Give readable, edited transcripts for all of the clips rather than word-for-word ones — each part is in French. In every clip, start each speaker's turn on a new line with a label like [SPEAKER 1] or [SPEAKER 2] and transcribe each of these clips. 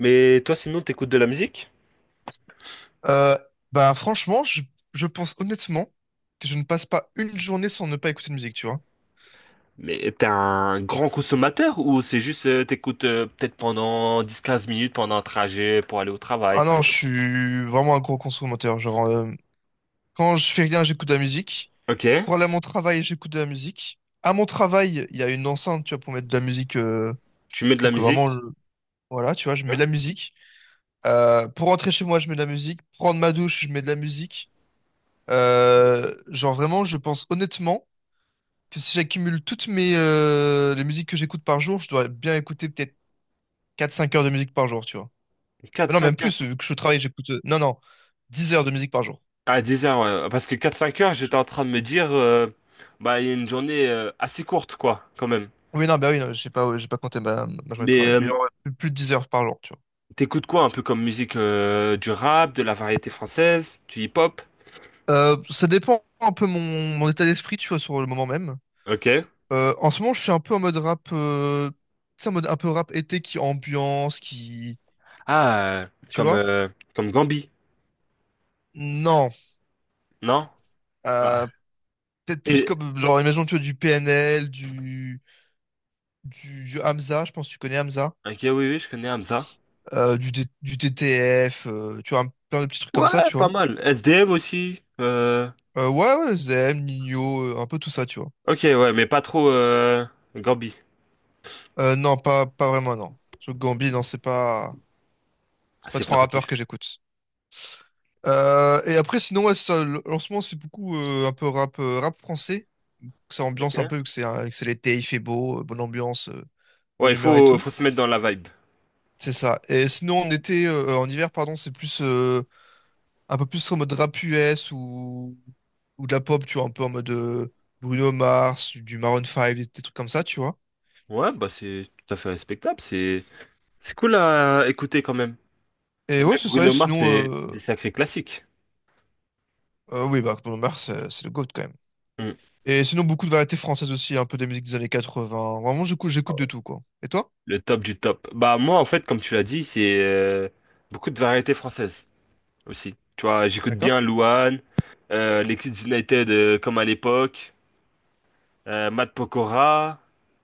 [SPEAKER 1] Mais toi, sinon, t'écoutes de la musique?
[SPEAKER 2] Euh, Bah franchement, je pense honnêtement que je ne passe pas une journée sans ne pas écouter de musique, tu vois.
[SPEAKER 1] Mais t'es un grand consommateur ou c'est juste t'écoutes peut-être pendant 10 15 minutes pendant un trajet pour aller au travail,
[SPEAKER 2] Ah
[SPEAKER 1] par
[SPEAKER 2] non, je
[SPEAKER 1] exemple?
[SPEAKER 2] suis vraiment un gros consommateur. Genre, quand je fais rien, j'écoute de la musique.
[SPEAKER 1] Ok,
[SPEAKER 2] Pour aller à mon travail, j'écoute de la musique. À mon travail, il y a une enceinte, tu vois, pour mettre de la musique.
[SPEAKER 1] tu mets de la
[SPEAKER 2] Pour que vraiment,
[SPEAKER 1] musique.
[SPEAKER 2] voilà, tu vois, je mets de
[SPEAKER 1] Hein.
[SPEAKER 2] la musique. Pour rentrer chez moi, je mets de la musique. Prendre ma douche, je mets de la musique. Genre vraiment, je pense honnêtement que si j'accumule toutes mes les musiques que j'écoute par jour, je dois bien écouter peut-être 4-5 heures de musique par jour, tu vois. Mais non, même
[SPEAKER 1] 4-5 heures.
[SPEAKER 2] plus, vu que je travaille, j'écoute. Non, non, 10 heures de musique par jour.
[SPEAKER 1] Ah, 10 heures, ouais. Parce que 4 5 heures, j'étais
[SPEAKER 2] Je-
[SPEAKER 1] en train de me dire, bah, il y a une journée assez courte, quoi, quand même.
[SPEAKER 2] Oui, non, bah oui, non, j'ai pas, ouais, j'ai pas compté ma journée de
[SPEAKER 1] Mais
[SPEAKER 2] travail. Mais genre, ouais, plus de 10 heures par jour, tu vois.
[SPEAKER 1] t'écoutes quoi un peu comme musique du rap, de la variété française, du hip-hop?
[SPEAKER 2] Ça dépend un peu mon état d'esprit, tu vois, sur le moment même.
[SPEAKER 1] Ok.
[SPEAKER 2] En ce moment, je suis un peu en mode rap, tu sais, en mode un peu rap été qui ambiance, qui,
[SPEAKER 1] Ah, euh,
[SPEAKER 2] tu
[SPEAKER 1] comme,
[SPEAKER 2] vois?
[SPEAKER 1] comme Gambi,
[SPEAKER 2] Non,
[SPEAKER 1] non? Ah.
[SPEAKER 2] euh, peut-être plus comme, genre, imagine, tu vois, du PNL, du Hamza, je pense que tu connais Hamza.
[SPEAKER 1] Ok, oui, oui, je connais Hamza.
[SPEAKER 2] Du TTF, tu vois, plein de petits trucs comme ça,
[SPEAKER 1] Ouais,
[SPEAKER 2] tu
[SPEAKER 1] pas
[SPEAKER 2] vois.
[SPEAKER 1] mal. SDM aussi.
[SPEAKER 2] Ouais, ouais, Zem, Nino, un peu tout ça, tu vois.
[SPEAKER 1] Ok, ouais, mais pas trop Gambi.
[SPEAKER 2] Non, pas vraiment, non. Sur Gambi, non, c'est pas,
[SPEAKER 1] Ah,
[SPEAKER 2] c'est pas
[SPEAKER 1] c'est pas
[SPEAKER 2] trop un
[SPEAKER 1] ton
[SPEAKER 2] rappeur
[SPEAKER 1] kiff.
[SPEAKER 2] que j'écoute. Et après, sinon, ouais, en ce moment, c'est beaucoup un peu rap, rap français. Que ça ambiance un peu,
[SPEAKER 1] Ok.
[SPEAKER 2] que c'est l'été, il fait beau, bonne ambiance,
[SPEAKER 1] Ouais,
[SPEAKER 2] bonne
[SPEAKER 1] il
[SPEAKER 2] humeur et
[SPEAKER 1] faut, faut
[SPEAKER 2] tout.
[SPEAKER 1] se mettre dans la vibe.
[SPEAKER 2] C'est ça. Et sinon, en été, en hiver, pardon, c'est plus, un peu plus en mode rap US ou de la pop, tu vois, un peu en mode, Bruno Mars, du Maroon 5, des trucs comme ça, tu vois.
[SPEAKER 1] Ouais, bah c'est tout à fait respectable. C'est cool à écouter quand même. Et
[SPEAKER 2] Et ouais,
[SPEAKER 1] même
[SPEAKER 2] c'est ça, et
[SPEAKER 1] Bruno Mars,
[SPEAKER 2] sinon,
[SPEAKER 1] c'est des sacrés classiques.
[SPEAKER 2] oui, bah, Bruno Mars, c'est le GOAT quand même.
[SPEAKER 1] Hmm.
[SPEAKER 2] Et sinon, beaucoup de variétés françaises aussi, un peu des musiques des années 80. Vraiment, j'écoute de tout, quoi. Et toi?
[SPEAKER 1] Le top du top. Bah moi, en fait, comme tu l'as dit, c'est beaucoup de variétés françaises aussi. Tu vois, j'écoute
[SPEAKER 2] D'accord?
[SPEAKER 1] bien Louane, les Kids United comme à l'époque. Matt Pokora,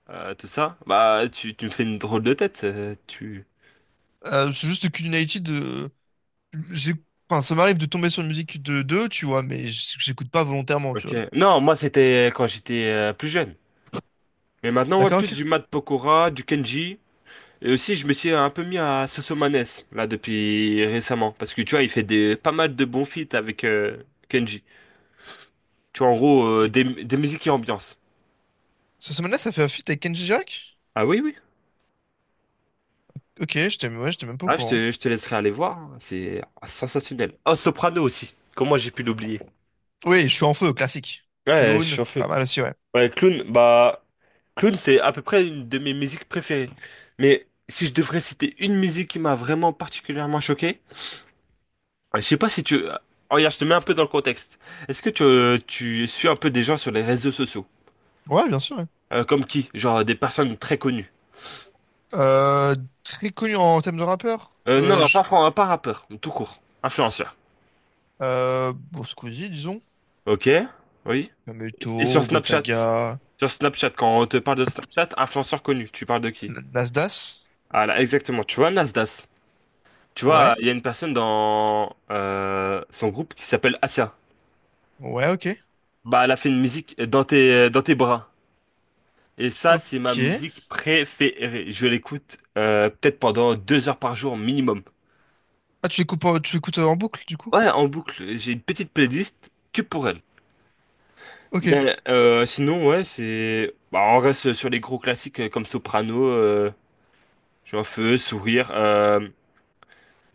[SPEAKER 1] tout ça. Bah, tu me fais une drôle de tête. Tu.
[SPEAKER 2] C'est juste que United, j'ai, enfin, ça m'arrive de tomber sur une musique de deux, tu vois, mais j'écoute pas volontairement, tu
[SPEAKER 1] Ok.
[SPEAKER 2] vois.
[SPEAKER 1] Non, moi c'était quand j'étais plus jeune. Mais maintenant, ouais,
[SPEAKER 2] D'accord,
[SPEAKER 1] plus
[SPEAKER 2] ok.
[SPEAKER 1] du Matt Pokora, du Kenji. Et aussi, je me suis un peu mis à Sosomanes, là, depuis récemment. Parce que tu vois, il fait des, pas mal de bons feats avec Kenji. Tu vois, en gros,
[SPEAKER 2] Et-
[SPEAKER 1] des musiques et ambiance.
[SPEAKER 2] Cette semaine-là, ça fait un feat avec Kenji Girac?
[SPEAKER 1] Ah oui, oui.
[SPEAKER 2] Ok, j'étais ouais, j'étais même pas au
[SPEAKER 1] Ah, je
[SPEAKER 2] courant.
[SPEAKER 1] te, je te laisserai aller voir. Hein. C'est sensationnel. Oh, Soprano aussi. Comment j'ai pu l'oublier?
[SPEAKER 2] Oui, je suis en feu, classique.
[SPEAKER 1] Ouais, je suis
[SPEAKER 2] Clown,
[SPEAKER 1] en feu.
[SPEAKER 2] pas mal aussi, ouais.
[SPEAKER 1] Ouais, Clown, bah, Clown, c'est à peu près une de mes musiques préférées. Mais si je devrais citer une musique qui m'a vraiment particulièrement choqué, je sais pas si tu... Regarde, je te mets un peu dans le contexte. Est-ce que tu suis un peu des gens sur les réseaux sociaux?
[SPEAKER 2] Ouais, bien sûr, ouais.
[SPEAKER 1] Comme qui? Genre des personnes très connues.
[SPEAKER 2] Euh, Très connu en thème de rappeur.
[SPEAKER 1] Non, pas rappeur, tout court. Influenceur.
[SPEAKER 2] Bon, Squeezie, disons.
[SPEAKER 1] Ok, oui.
[SPEAKER 2] Kameto,
[SPEAKER 1] Et sur Snapchat?
[SPEAKER 2] Gotaga,
[SPEAKER 1] Sur Snapchat, quand on te parle de Snapchat, influenceur connu, tu parles de qui?
[SPEAKER 2] Nas.
[SPEAKER 1] Ah là, exactement. Tu vois, Nasdaq. Tu vois,
[SPEAKER 2] Ouais,
[SPEAKER 1] il y a une personne dans son groupe qui s'appelle Asia.
[SPEAKER 2] ouais, ok.
[SPEAKER 1] Bah, elle a fait une musique dans tes bras. Et ça, c'est ma
[SPEAKER 2] Ok.
[SPEAKER 1] musique préférée. Je l'écoute peut-être pendant 2 heures par jour minimum.
[SPEAKER 2] Ah, tu écoutes en boucle, du coup?
[SPEAKER 1] Ouais, en boucle. J'ai une petite playlist que pour elle.
[SPEAKER 2] Ok,
[SPEAKER 1] Mais sinon, ouais, c'est. Bah, on reste sur les gros classiques comme Soprano, j'ai un feu, Sourire, euh,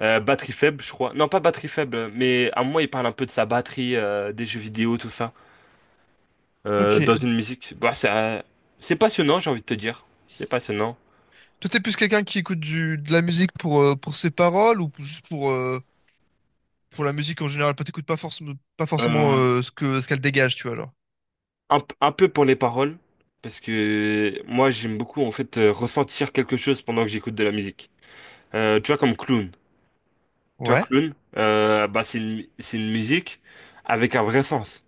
[SPEAKER 1] euh, Batterie faible, je crois. Non, pas Batterie faible, mais à moi, il parle un peu de sa batterie, des jeux vidéo, tout ça. Dans
[SPEAKER 2] ok.
[SPEAKER 1] une musique. Bah, c'est passionnant, j'ai envie de te dire. C'est passionnant.
[SPEAKER 2] Toi, t'es plus quelqu'un qui écoute de la musique pour ses paroles ou juste pour la musique en général? Pas t'écoutes pas forcément, pas forcément,
[SPEAKER 1] Euh,
[SPEAKER 2] ce que, ce qu'elle dégage, tu vois, alors.
[SPEAKER 1] un, un peu pour les paroles, parce que moi j'aime beaucoup en fait ressentir quelque chose pendant que j'écoute de la musique. Tu vois comme Clown. Tu vois
[SPEAKER 2] Ouais,
[SPEAKER 1] Clown, bah c'est une musique avec un vrai sens,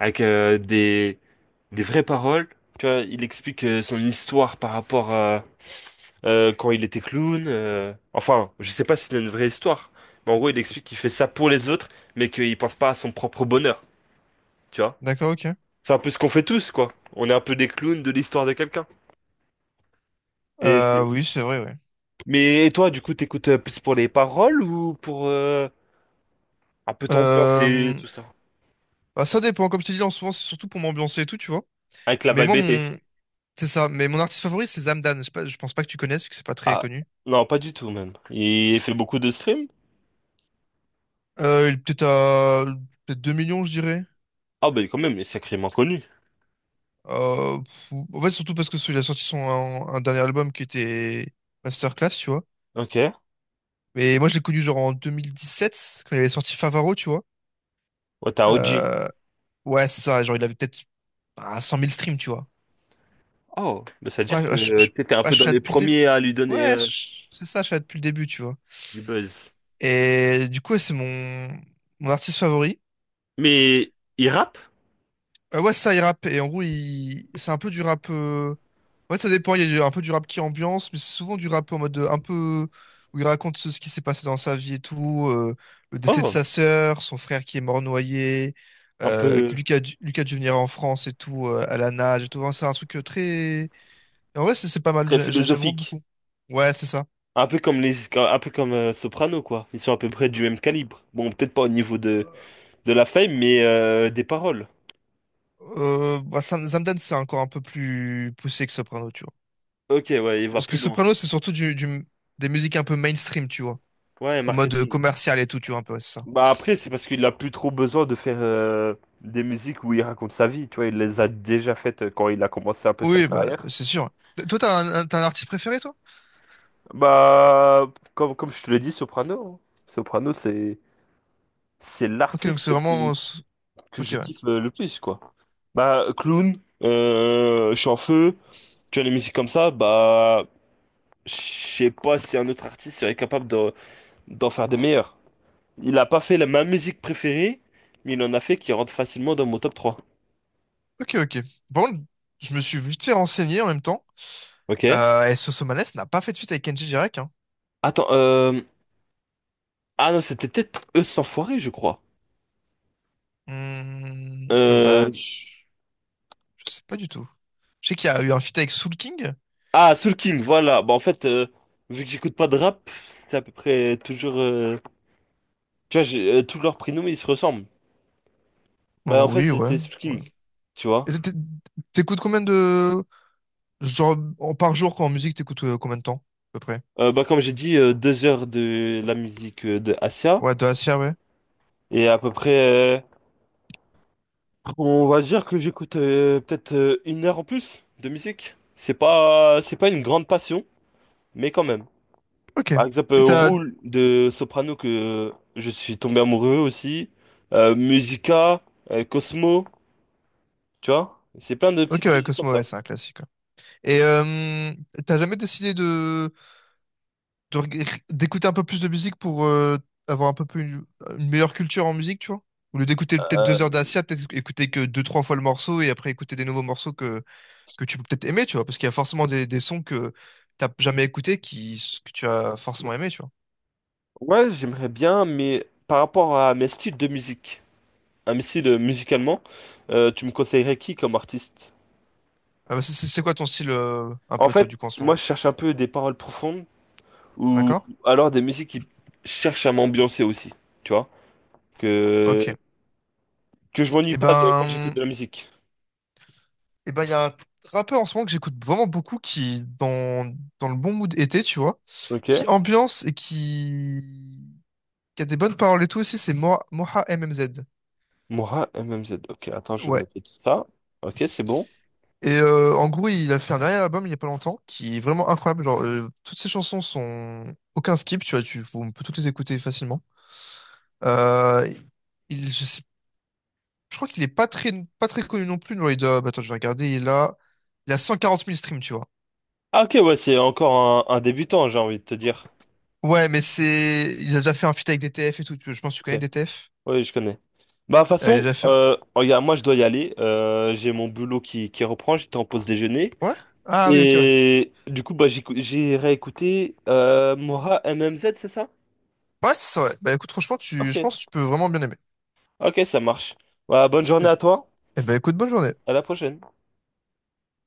[SPEAKER 1] avec des vraies paroles. Tu vois, il explique son histoire par rapport quand il était clown. Enfin, je sais pas si c'est une vraie histoire, mais en gros, il explique qu'il fait ça pour les autres, mais qu'il pense pas à son propre bonheur, tu vois.
[SPEAKER 2] d'accord, ok.
[SPEAKER 1] C'est un peu ce qu'on fait tous, quoi. On est un peu des clowns de l'histoire de quelqu'un. Et c'est...
[SPEAKER 2] Oui, c'est vrai, ouais.
[SPEAKER 1] Mais et toi, du coup, t'écoutes plus pour les paroles ou pour un peu t'ambiance et
[SPEAKER 2] Euh,
[SPEAKER 1] tout ça?
[SPEAKER 2] Bah, ça dépend. Comme je t'ai dit, en ce moment, c'est surtout pour m'ambiancer et tout, tu vois.
[SPEAKER 1] Avec la
[SPEAKER 2] Mais moi,
[SPEAKER 1] vibe été.
[SPEAKER 2] c'est ça. Mais mon artiste favori, c'est Zamdan. Je pense pas que tu connaisses, vu que c'est pas très
[SPEAKER 1] Ah,
[SPEAKER 2] connu.
[SPEAKER 1] non, pas du tout, même. Il fait beaucoup de streams?
[SPEAKER 2] Il est peut-être à... Peut-être 2 millions, je dirais.
[SPEAKER 1] Ah, bah quand même, il est sacrément connu.
[SPEAKER 2] En fait, surtout parce que il a sorti un dernier album qui était Masterclass, tu vois.
[SPEAKER 1] Ok. Ouais,
[SPEAKER 2] Mais moi, je l'ai connu genre en 2017 quand il avait sorti Favaro, tu vois.
[SPEAKER 1] t'as OG.
[SPEAKER 2] Euh, Ouais, c'est ça. Genre, il avait peut-être 100 000 streams, tu vois.
[SPEAKER 1] Oh, bah, ça veut
[SPEAKER 2] Ouais,
[SPEAKER 1] dire que t'étais un
[SPEAKER 2] bah,
[SPEAKER 1] peu
[SPEAKER 2] je
[SPEAKER 1] dans
[SPEAKER 2] suis là
[SPEAKER 1] les
[SPEAKER 2] depuis le début.
[SPEAKER 1] premiers à lui donner
[SPEAKER 2] Ouais, c'est ça, je suis là depuis le début, tu vois.
[SPEAKER 1] du buzz.
[SPEAKER 2] Et du coup, ouais, c'est mon artiste favori.
[SPEAKER 1] Mais il rappe?
[SPEAKER 2] Ouais, ça, il rappe. Et en gros, c'est un peu du rap. Ouais, ça dépend. Il y a un peu du rap qui ambiance, mais c'est souvent du rap en mode, un peu. Où il raconte ce qui s'est passé dans sa vie et tout. Le décès de
[SPEAKER 1] Oh,
[SPEAKER 2] sa sœur, son frère qui est mort noyé.
[SPEAKER 1] un
[SPEAKER 2] Que
[SPEAKER 1] peu
[SPEAKER 2] Lucas dû venir en France et tout, à la nage et tout. Enfin, c'est un truc, très. Et en vrai, c'est pas mal.
[SPEAKER 1] très
[SPEAKER 2] J'aime vraiment
[SPEAKER 1] philosophique.
[SPEAKER 2] beaucoup. Ouais, c'est ça.
[SPEAKER 1] Un peu comme les, un peu comme Soprano, quoi. Ils sont à peu près du même calibre. Bon, peut-être pas au niveau de la fame, mais des paroles.
[SPEAKER 2] Zamdan, c'est encore un peu plus poussé que Soprano, tu vois.
[SPEAKER 1] Ok, ouais, il va
[SPEAKER 2] Parce que
[SPEAKER 1] plus loin.
[SPEAKER 2] Soprano, c'est surtout des musiques un peu mainstream, tu vois.
[SPEAKER 1] Ouais,
[SPEAKER 2] En mode,
[SPEAKER 1] marketing.
[SPEAKER 2] commercial et tout, tu vois, un peu, ouais, c'est ça.
[SPEAKER 1] Bah après, c'est parce qu'il a plus trop besoin de faire des musiques où il raconte sa vie. Tu vois, il les a déjà faites quand il a commencé un peu sa
[SPEAKER 2] Oui, bah,
[SPEAKER 1] carrière.
[SPEAKER 2] c'est sûr. Toi, t'as un artiste préféré, toi?
[SPEAKER 1] Bah, comme, comme je te l'ai dit, Soprano. Hein. Soprano, c'est
[SPEAKER 2] Ok, donc
[SPEAKER 1] l'artiste
[SPEAKER 2] c'est vraiment.
[SPEAKER 1] que
[SPEAKER 2] Ok,
[SPEAKER 1] je
[SPEAKER 2] ouais.
[SPEAKER 1] kiffe le plus, quoi. Bah, clown, je suis en feu, tu as les musiques comme ça, bah, je sais pas si un autre artiste serait capable de- d'en faire des meilleurs. Il a pas fait la, ma musique préférée, mais il en a fait qui rentre facilement dans mon top 3.
[SPEAKER 2] Ok, ok. Par contre, je me suis vite fait renseigner en même temps.
[SPEAKER 1] Ok.
[SPEAKER 2] Et Sosomanes n'a pas fait de feat avec Kenji Girac, hein.
[SPEAKER 1] Attends, ah non, c'était peut-être Eux sans foirer, je crois.
[SPEAKER 2] Hmm, bah,
[SPEAKER 1] Euh...
[SPEAKER 2] je sais pas du tout. Je sais qu'il y a eu un feat avec Soul King.
[SPEAKER 1] Ah, Soul King, voilà. Bah, en fait, vu que j'écoute pas de rap, c'est à peu près toujours... Tu vois, tous leurs prénoms, ils se ressemblent. Bah, en
[SPEAKER 2] Oh,
[SPEAKER 1] fait,
[SPEAKER 2] oui, ouais.
[SPEAKER 1] c'était Soul
[SPEAKER 2] Ouais.
[SPEAKER 1] King, tu
[SPEAKER 2] Et
[SPEAKER 1] vois.
[SPEAKER 2] t'é- t'é- T'écoutes combien de... Genre, par jour, quand en musique, t'écoutes combien de temps, à peu près?
[SPEAKER 1] Bah, comme j'ai dit, 2 heures de la musique de Asia.
[SPEAKER 2] Ouais, de Assia, ouais.
[SPEAKER 1] Et à peu près, on va dire que j'écoute peut-être 1 heure en plus de musique. C'est pas une grande passion, mais quand même.
[SPEAKER 2] Ok.
[SPEAKER 1] Par exemple,
[SPEAKER 2] Et t'as...
[SPEAKER 1] Roule de Soprano, que euh, je suis tombé amoureux aussi. Musica, Cosmo, tu vois. C'est plein de
[SPEAKER 2] Ok,
[SPEAKER 1] petites
[SPEAKER 2] ouais,
[SPEAKER 1] musiques comme
[SPEAKER 2] Cosmo,
[SPEAKER 1] ça.
[SPEAKER 2] ouais, c'est un classique, quoi. Et t'as jamais décidé d'écouter un peu plus de musique pour, avoir un peu plus une meilleure culture en musique, tu vois? Au lieu d'écouter peut-être 2 heures
[SPEAKER 1] Euh,
[SPEAKER 2] d'Assia, peut-être écouter que deux, trois fois le morceau et après écouter des nouveaux morceaux que tu peux peut-être aimer, tu vois? Parce qu'il y a forcément des sons que t'as jamais écoutés que tu as forcément aimé, tu vois?
[SPEAKER 1] ouais, j'aimerais bien, mais par rapport à mes styles de musique, à mes styles musicalement, tu me conseillerais qui comme artiste?
[SPEAKER 2] Ah bah, c'est quoi ton style, un
[SPEAKER 1] En
[SPEAKER 2] peu, toi,
[SPEAKER 1] fait,
[SPEAKER 2] du coup, en ce
[SPEAKER 1] moi,
[SPEAKER 2] moment?
[SPEAKER 1] je cherche un peu des paroles profondes ou
[SPEAKER 2] D'accord?
[SPEAKER 1] alors des musiques qui cherchent à m'ambiancer aussi, tu vois?
[SPEAKER 2] Ok.
[SPEAKER 1] Que, que je m'ennuie
[SPEAKER 2] Eh
[SPEAKER 1] pas de- quand
[SPEAKER 2] ben,
[SPEAKER 1] j'écoute de la musique.
[SPEAKER 2] Il y a un rappeur en ce moment que j'écoute vraiment beaucoup qui, est dans le bon mood été, tu vois,
[SPEAKER 1] Ok.
[SPEAKER 2] qui ambiance et qui a des bonnes paroles et tout aussi, c'est Moha MMZ.
[SPEAKER 1] Moira M M Z. Ok, attends, je vais
[SPEAKER 2] Ouais.
[SPEAKER 1] noter tout ça. Ok, c'est bon.
[SPEAKER 2] En gros, il a fait un dernier album il y a pas longtemps qui est vraiment incroyable. Genre, toutes ses chansons sont aucun skip, tu vois, on peut toutes les écouter facilement. Euh, je sais, je crois qu'il est pas très, pas très connu non plus. Genre, il doit, bah, attends, je vais regarder. Il a 140 000 streams, tu vois.
[SPEAKER 1] Ah, ok, ouais, c'est encore un débutant, j'ai envie de te dire.
[SPEAKER 2] Ouais, mais c'est. Il a déjà fait un feat avec DTF et tout. Je pense que tu connais
[SPEAKER 1] Ok,
[SPEAKER 2] DTF.
[SPEAKER 1] oui, je connais. Bah, de toute
[SPEAKER 2] Il a
[SPEAKER 1] façon,
[SPEAKER 2] déjà fait.
[SPEAKER 1] regarde, moi, je dois y aller. J'ai mon boulot qui reprend, j'étais en pause déjeuner.
[SPEAKER 2] Ouais? Ah oui, ok, ouais.
[SPEAKER 1] Et du coup, bah, j'ai réécouté Moira MMZ. C'est ça?
[SPEAKER 2] Ouais, c'est ça, ouais. Bah écoute, franchement, je
[SPEAKER 1] Ok.
[SPEAKER 2] pense que tu peux vraiment bien aimer.
[SPEAKER 1] Ok, ça marche. Bah, bonne
[SPEAKER 2] Et...
[SPEAKER 1] journée à toi.
[SPEAKER 2] eh bah écoute, bonne journée.
[SPEAKER 1] À la prochaine.